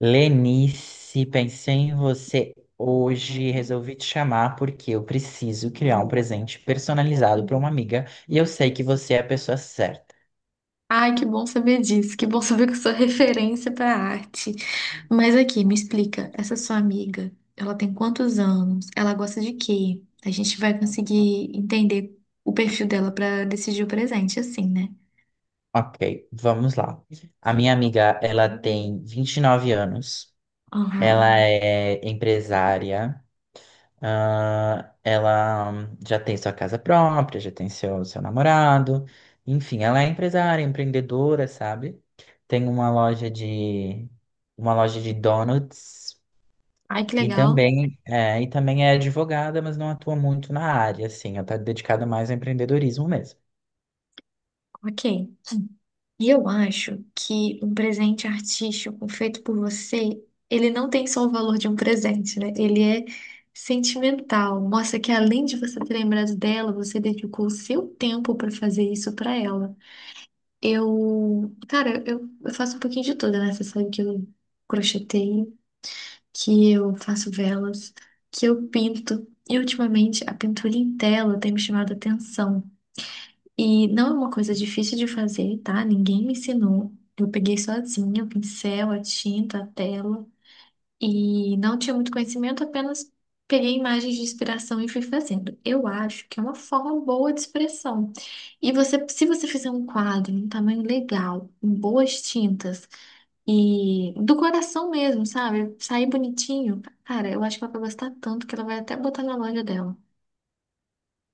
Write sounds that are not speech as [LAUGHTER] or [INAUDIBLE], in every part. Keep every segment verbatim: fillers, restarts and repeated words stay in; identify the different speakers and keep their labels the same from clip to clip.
Speaker 1: Lenice, pensei em você hoje, e resolvi te chamar porque eu preciso criar um presente personalizado para uma amiga e eu sei que você é a pessoa certa.
Speaker 2: Ai, que bom saber disso, que bom saber que eu sou referência para arte. Mas aqui, me explica, essa sua amiga, ela tem quantos anos? Ela gosta de quê? A gente vai conseguir entender o perfil dela para decidir o presente, assim, né?
Speaker 1: Ok, vamos lá. A minha amiga, ela tem vinte e nove anos,
Speaker 2: Aham.
Speaker 1: ela é empresária, ah, ela hum, já tem sua casa própria, já tem seu, seu namorado, enfim, ela é empresária, empreendedora, sabe? Tem uma loja de uma loja de donuts.
Speaker 2: Ai, que
Speaker 1: E
Speaker 2: legal.
Speaker 1: também, é, e também é advogada, mas não atua muito na área, assim, ela está dedicada mais ao empreendedorismo mesmo.
Speaker 2: Ok. E eu acho que um presente artístico feito por você, ele não tem só o valor de um presente, né? Ele é sentimental. Mostra que além de você ter lembrado dela, você dedicou o seu tempo para fazer isso para ela. Eu, cara, eu, eu faço um pouquinho de tudo, né? Você sabe que eu crocheteio, que eu faço velas, que eu pinto. E ultimamente a pintura em tela tem me chamado a atenção. E não é uma coisa difícil de fazer, tá? Ninguém me ensinou. Eu peguei sozinha o pincel, a tinta, a tela e não tinha muito conhecimento, apenas peguei imagens de inspiração e fui fazendo. Eu acho que é uma forma boa de expressão. E você, se você fizer um quadro em um tamanho legal, em boas tintas e do coração mesmo, sabe? Sair bonitinho, cara, eu acho que ela vai gostar tanto que ela vai até botar na loja dela.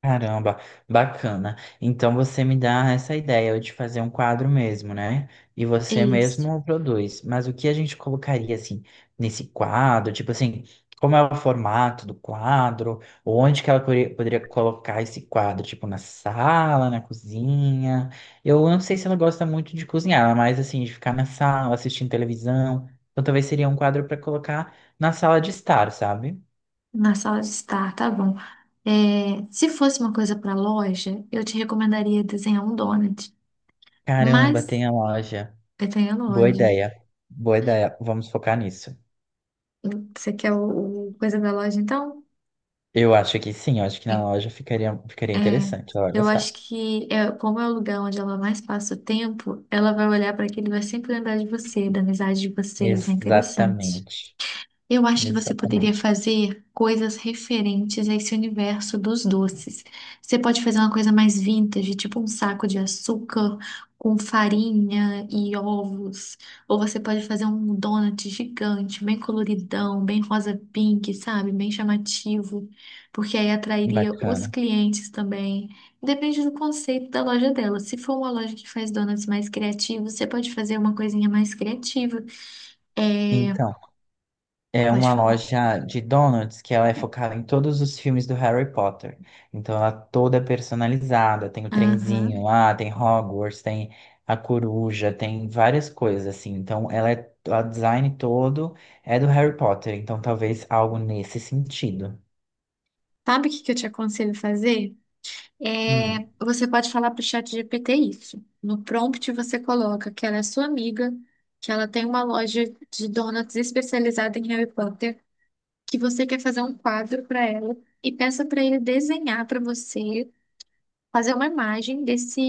Speaker 1: Caramba, bacana. Então você me dá essa ideia de fazer um quadro mesmo, né? E
Speaker 2: É
Speaker 1: você
Speaker 2: Isso.
Speaker 1: mesmo produz. Mas o que a gente colocaria assim nesse quadro? Tipo assim, como é o formato do quadro? Onde que ela poderia poderia colocar esse quadro? Tipo na sala, na cozinha? Eu não sei se ela gosta muito de cozinhar, mas assim, de ficar na sala, assistindo televisão. Então talvez seria um quadro para colocar na sala de estar, sabe?
Speaker 2: Na sala de estar, tá bom. É, se fosse uma coisa para loja, eu te recomendaria desenhar um donut,
Speaker 1: Caramba,
Speaker 2: mas
Speaker 1: tem a loja.
Speaker 2: eu tenho a
Speaker 1: Boa
Speaker 2: loja.
Speaker 1: ideia. Boa ideia. Vamos focar nisso.
Speaker 2: Você quer o, o coisa da loja, então?
Speaker 1: Eu acho que sim, eu acho que na
Speaker 2: É,
Speaker 1: loja ficaria, ficaria
Speaker 2: é,
Speaker 1: interessante. Ela vai
Speaker 2: eu acho
Speaker 1: gostar.
Speaker 2: que é, como é o lugar onde ela mais passa o tempo, ela vai olhar para aquilo e vai sempre lembrar de você, da amizade de vocês. É interessante.
Speaker 1: Exatamente.
Speaker 2: Eu acho que você poderia
Speaker 1: Exatamente.
Speaker 2: fazer coisas referentes a esse universo dos doces. Você pode fazer uma coisa mais vintage, tipo um saco de açúcar com farinha e ovos. Ou você pode fazer um donut gigante, bem coloridão, bem rosa pink, sabe? Bem chamativo, porque aí atrairia os
Speaker 1: Bacana.
Speaker 2: clientes também. Depende do conceito da loja dela. Se for uma loja que faz donuts mais criativos, você pode fazer uma coisinha mais criativa. É...
Speaker 1: Então, é
Speaker 2: Pode
Speaker 1: uma
Speaker 2: falar.
Speaker 1: loja de donuts que ela é focada em todos os filmes do Harry Potter. Então, ela é toda é personalizada. Tem o trenzinho
Speaker 2: Aham.
Speaker 1: lá, tem Hogwarts, tem a coruja, tem várias coisas assim. Então, ela é, o design todo é do Harry Potter. Então, talvez algo nesse sentido.
Speaker 2: Sabe o que que eu te aconselho fazer?
Speaker 1: Hum.
Speaker 2: É, você pode falar para o chat G P T isso. No prompt você coloca que ela é sua amiga, que ela tem uma loja de donuts especializada em Harry Potter, que você quer fazer um quadro para ela e peça para ele desenhar para você, fazer uma imagem desse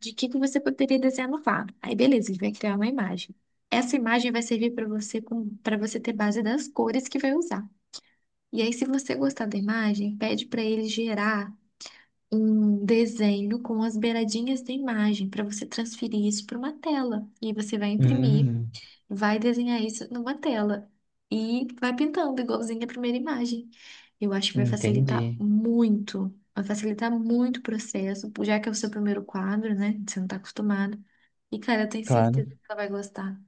Speaker 2: de que que você poderia desenhar no quadro. Aí beleza, ele vai criar uma imagem. Essa imagem vai servir para você para você ter base das cores que vai usar. E aí, se você gostar da imagem, pede para ele gerar um desenho com as beiradinhas da imagem, para você transferir isso para uma tela. E aí você vai imprimir,
Speaker 1: Hum,
Speaker 2: vai desenhar isso numa tela e vai pintando igualzinho a primeira imagem. Eu acho que vai
Speaker 1: entendi.
Speaker 2: facilitar muito, vai facilitar muito o processo, já que é o seu primeiro quadro, né? Você não está acostumado. E, cara, eu tenho
Speaker 1: Claro.
Speaker 2: certeza que ela vai gostar.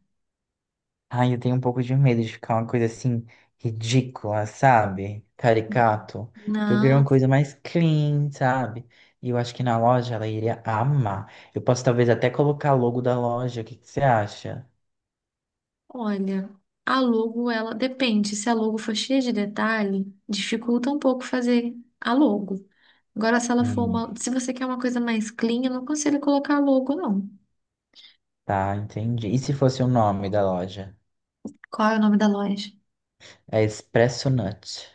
Speaker 1: Ai, eu tenho um pouco de medo de ficar uma coisa assim ridícula, sabe? Caricato. Porque eu queria uma
Speaker 2: Não,
Speaker 1: coisa mais clean, sabe? E eu acho que na loja ela iria amar. Eu posso talvez até colocar logo da loja. O que que você acha?
Speaker 2: Olha, a logo, ela depende. Se a logo for cheia de detalhe, dificulta um pouco fazer a logo. Agora, se ela for
Speaker 1: Hum,
Speaker 2: uma, se você quer uma coisa mais clean, eu não aconselho colocar logo, não.
Speaker 1: tá, entendi. E se fosse o nome da loja?
Speaker 2: Qual é o nome da loja?
Speaker 1: É Expresso Nut.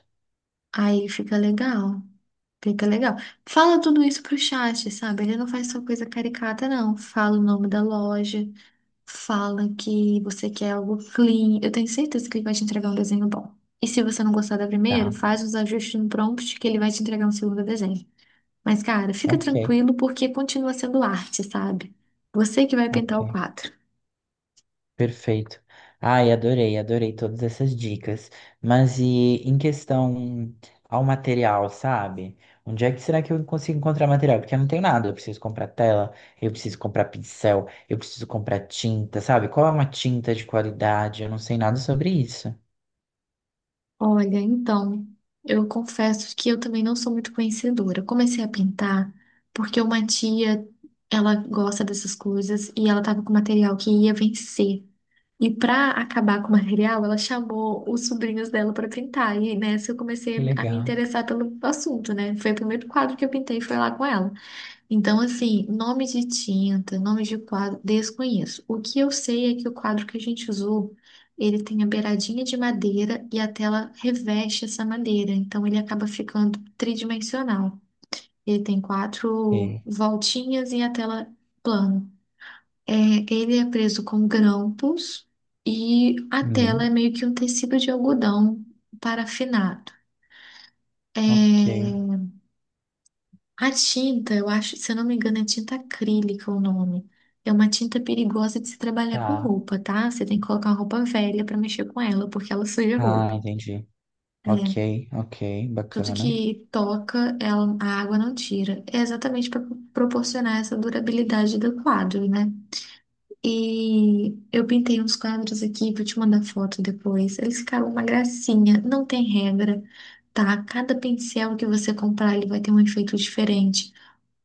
Speaker 2: Aí fica legal. Fica legal. Fala tudo isso pro chat, sabe? Ele não faz só coisa caricata, não. Fala o nome da loja, fala que você quer algo clean. Eu tenho certeza que ele vai te entregar um desenho bom. E se você não gostar da primeira,
Speaker 1: Tá,
Speaker 2: faz os ajustes no prompt que ele vai te entregar um segundo desenho. Mas, cara, fica
Speaker 1: ok,
Speaker 2: tranquilo porque continua sendo arte, sabe? Você que vai pintar o
Speaker 1: ok.
Speaker 2: quadro.
Speaker 1: Perfeito. Ai, adorei, adorei todas essas dicas. Mas e em questão ao material, sabe? Onde é que será que eu consigo encontrar material? Porque eu não tenho nada. Eu preciso comprar tela, eu preciso comprar pincel, eu preciso comprar tinta, sabe? Qual é uma tinta de qualidade? Eu não sei nada sobre isso.
Speaker 2: Olha, então, eu confesso que eu também não sou muito conhecedora. Eu comecei a pintar porque uma tia, ela gosta dessas coisas e ela tava com material que ia vencer. E pra acabar com o material, ela chamou os sobrinhos dela pra pintar. E nessa eu
Speaker 1: Que
Speaker 2: comecei a me
Speaker 1: legal.
Speaker 2: interessar pelo assunto, né? Foi o primeiro quadro que eu pintei, foi lá com ela. Então, assim, nome de tinta, nome de quadro, desconheço. O que eu sei é que o quadro que a gente usou, ele tem a beiradinha de madeira e a tela reveste essa madeira. Então, ele acaba ficando tridimensional. Ele tem quatro
Speaker 1: Ok.
Speaker 2: voltinhas e a tela plana. É, ele é preso com grampos e a tela é
Speaker 1: Hum,
Speaker 2: meio que um tecido de algodão parafinado.
Speaker 1: ok.
Speaker 2: É, a tinta, eu acho, se eu não me engano, é tinta acrílica o nome. É uma tinta perigosa de se trabalhar com
Speaker 1: Tá.
Speaker 2: roupa, tá? Você tem que colocar uma roupa velha para mexer com ela, porque ela suja a
Speaker 1: Ah,
Speaker 2: roupa.
Speaker 1: entendi. Ok,
Speaker 2: É,
Speaker 1: ok,
Speaker 2: tudo
Speaker 1: bacana.
Speaker 2: que toca, ela, a água não tira. É exatamente para proporcionar essa durabilidade do quadro, né? E eu pintei uns quadros aqui, vou te mandar foto depois. Eles ficaram uma gracinha, não tem regra, tá? Cada pincel que você comprar, ele vai ter um efeito diferente.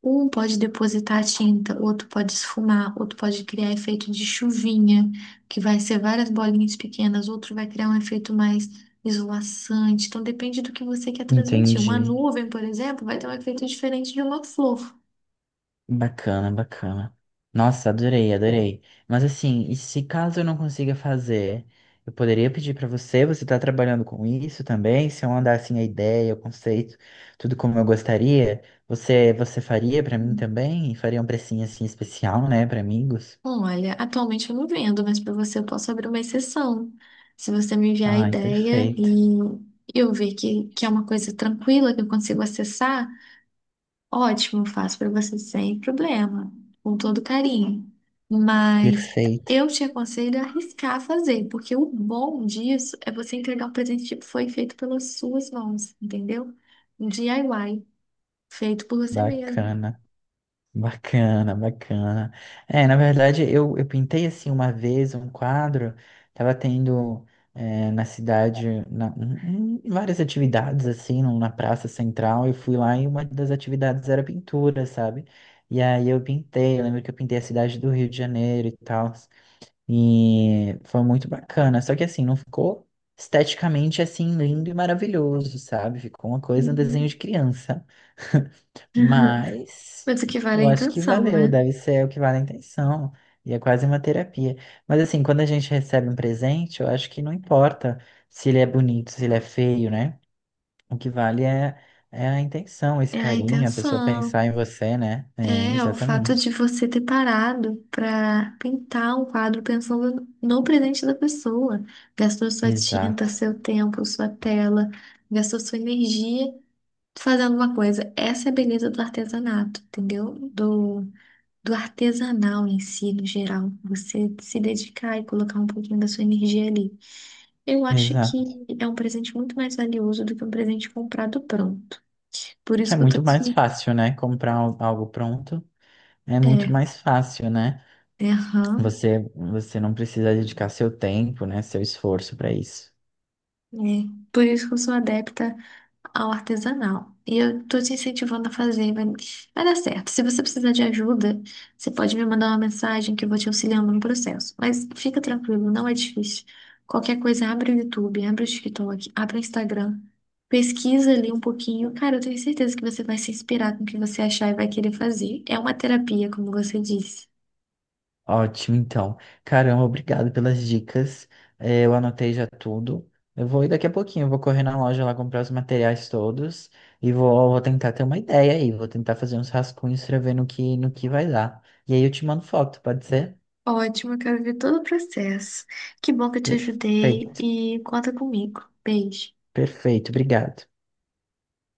Speaker 2: Um pode depositar a tinta, outro pode esfumar, outro pode criar efeito de chuvinha, que vai ser várias bolinhas pequenas, outro vai criar um efeito mais esvoaçante. Então depende do que você quer transmitir. Uma
Speaker 1: Entendi.
Speaker 2: nuvem, por exemplo, vai ter um efeito diferente de uma flor.
Speaker 1: Bacana, bacana. Nossa, adorei, adorei. Mas assim, e se caso eu não consiga fazer, eu poderia pedir para você, você tá trabalhando com isso também? Se eu mandar assim a ideia, o conceito, tudo como eu gostaria, você você faria para mim também? E faria um precinho assim especial, né, para amigos?
Speaker 2: Olha, atualmente eu não vendo, mas para você eu posso abrir uma exceção. Se você me enviar a
Speaker 1: Ai,
Speaker 2: ideia
Speaker 1: perfeito.
Speaker 2: e eu ver que, que é uma coisa tranquila, que eu consigo acessar, ótimo, eu faço para você sem problema, com todo carinho. Mas
Speaker 1: Perfeito.
Speaker 2: eu te aconselho a arriscar a fazer, porque o bom disso é você entregar um presente que foi feito pelas suas mãos, entendeu? Um D I Y, feito por você mesmo.
Speaker 1: Bacana. Bacana, bacana. É, na verdade, eu, eu pintei assim uma vez um quadro, tava tendo é, na cidade na- um- um- várias atividades assim, num- na praça central, eu fui lá e uma das atividades era pintura, sabe? E aí eu pintei, eu lembro que eu pintei a cidade do Rio de Janeiro e tal. E foi muito bacana. Só que assim, não ficou esteticamente assim lindo e maravilhoso, sabe? Ficou uma coisa, um desenho
Speaker 2: Uhum.
Speaker 1: de criança. [LAUGHS]
Speaker 2: [LAUGHS]
Speaker 1: Mas
Speaker 2: Mas o que vale é a
Speaker 1: eu acho que
Speaker 2: intenção,
Speaker 1: valeu,
Speaker 2: né?
Speaker 1: deve ser o que vale a intenção. E é quase uma terapia. Mas assim, quando a gente recebe um presente, eu acho que não importa se ele é bonito, se ele é feio, né? O que vale é, é a intenção, esse
Speaker 2: É a
Speaker 1: carinho, a pessoa
Speaker 2: intenção.
Speaker 1: pensar em você, né? É,
Speaker 2: É, o fato de
Speaker 1: exatamente.
Speaker 2: você ter parado para pintar um quadro pensando no presente da pessoa. Gastou sua tinta,
Speaker 1: Exato.
Speaker 2: seu tempo, sua tela, gastou sua energia fazendo uma coisa. Essa é a beleza do artesanato, entendeu? Do, do artesanal em si, no geral. Você se dedicar e colocar um pouquinho da sua energia ali. Eu acho que
Speaker 1: Exato.
Speaker 2: é um presente muito mais valioso do que um presente comprado pronto. Por
Speaker 1: Que
Speaker 2: isso
Speaker 1: é
Speaker 2: que eu tô
Speaker 1: muito
Speaker 2: te...
Speaker 1: mais fácil, né? Comprar al- algo pronto é muito
Speaker 2: É,
Speaker 1: mais fácil, né?
Speaker 2: é, aham.
Speaker 1: Você, você não precisa dedicar seu tempo, né? Seu esforço para isso.
Speaker 2: É, por isso que eu sou adepta ao artesanal. E eu tô te incentivando a fazer, vai, vai dar certo. Se você precisar de ajuda, você pode me mandar uma mensagem que eu vou te auxiliando no processo. Mas fica tranquilo, não é difícil. Qualquer coisa, abre o YouTube, abre o TikTok, abre o Instagram, pesquisa ali um pouquinho. Cara, eu tenho certeza que você vai se inspirar com o que você achar e vai querer fazer. É uma terapia, como você disse.
Speaker 1: Ótimo, então. Caramba, obrigado pelas dicas. Eh, Eu anotei já tudo. Eu vou ir daqui a pouquinho, eu vou correr na loja lá comprar os materiais todos e vou, vou tentar ter uma ideia aí. Vou tentar fazer uns rascunhos para ver no que, no que vai dar. E aí eu te mando foto, pode ser?
Speaker 2: Ótimo, eu quero ver todo o processo. Que bom que eu te ajudei
Speaker 1: Perfeito,
Speaker 2: e conta comigo. Beijo.
Speaker 1: perfeito, obrigado.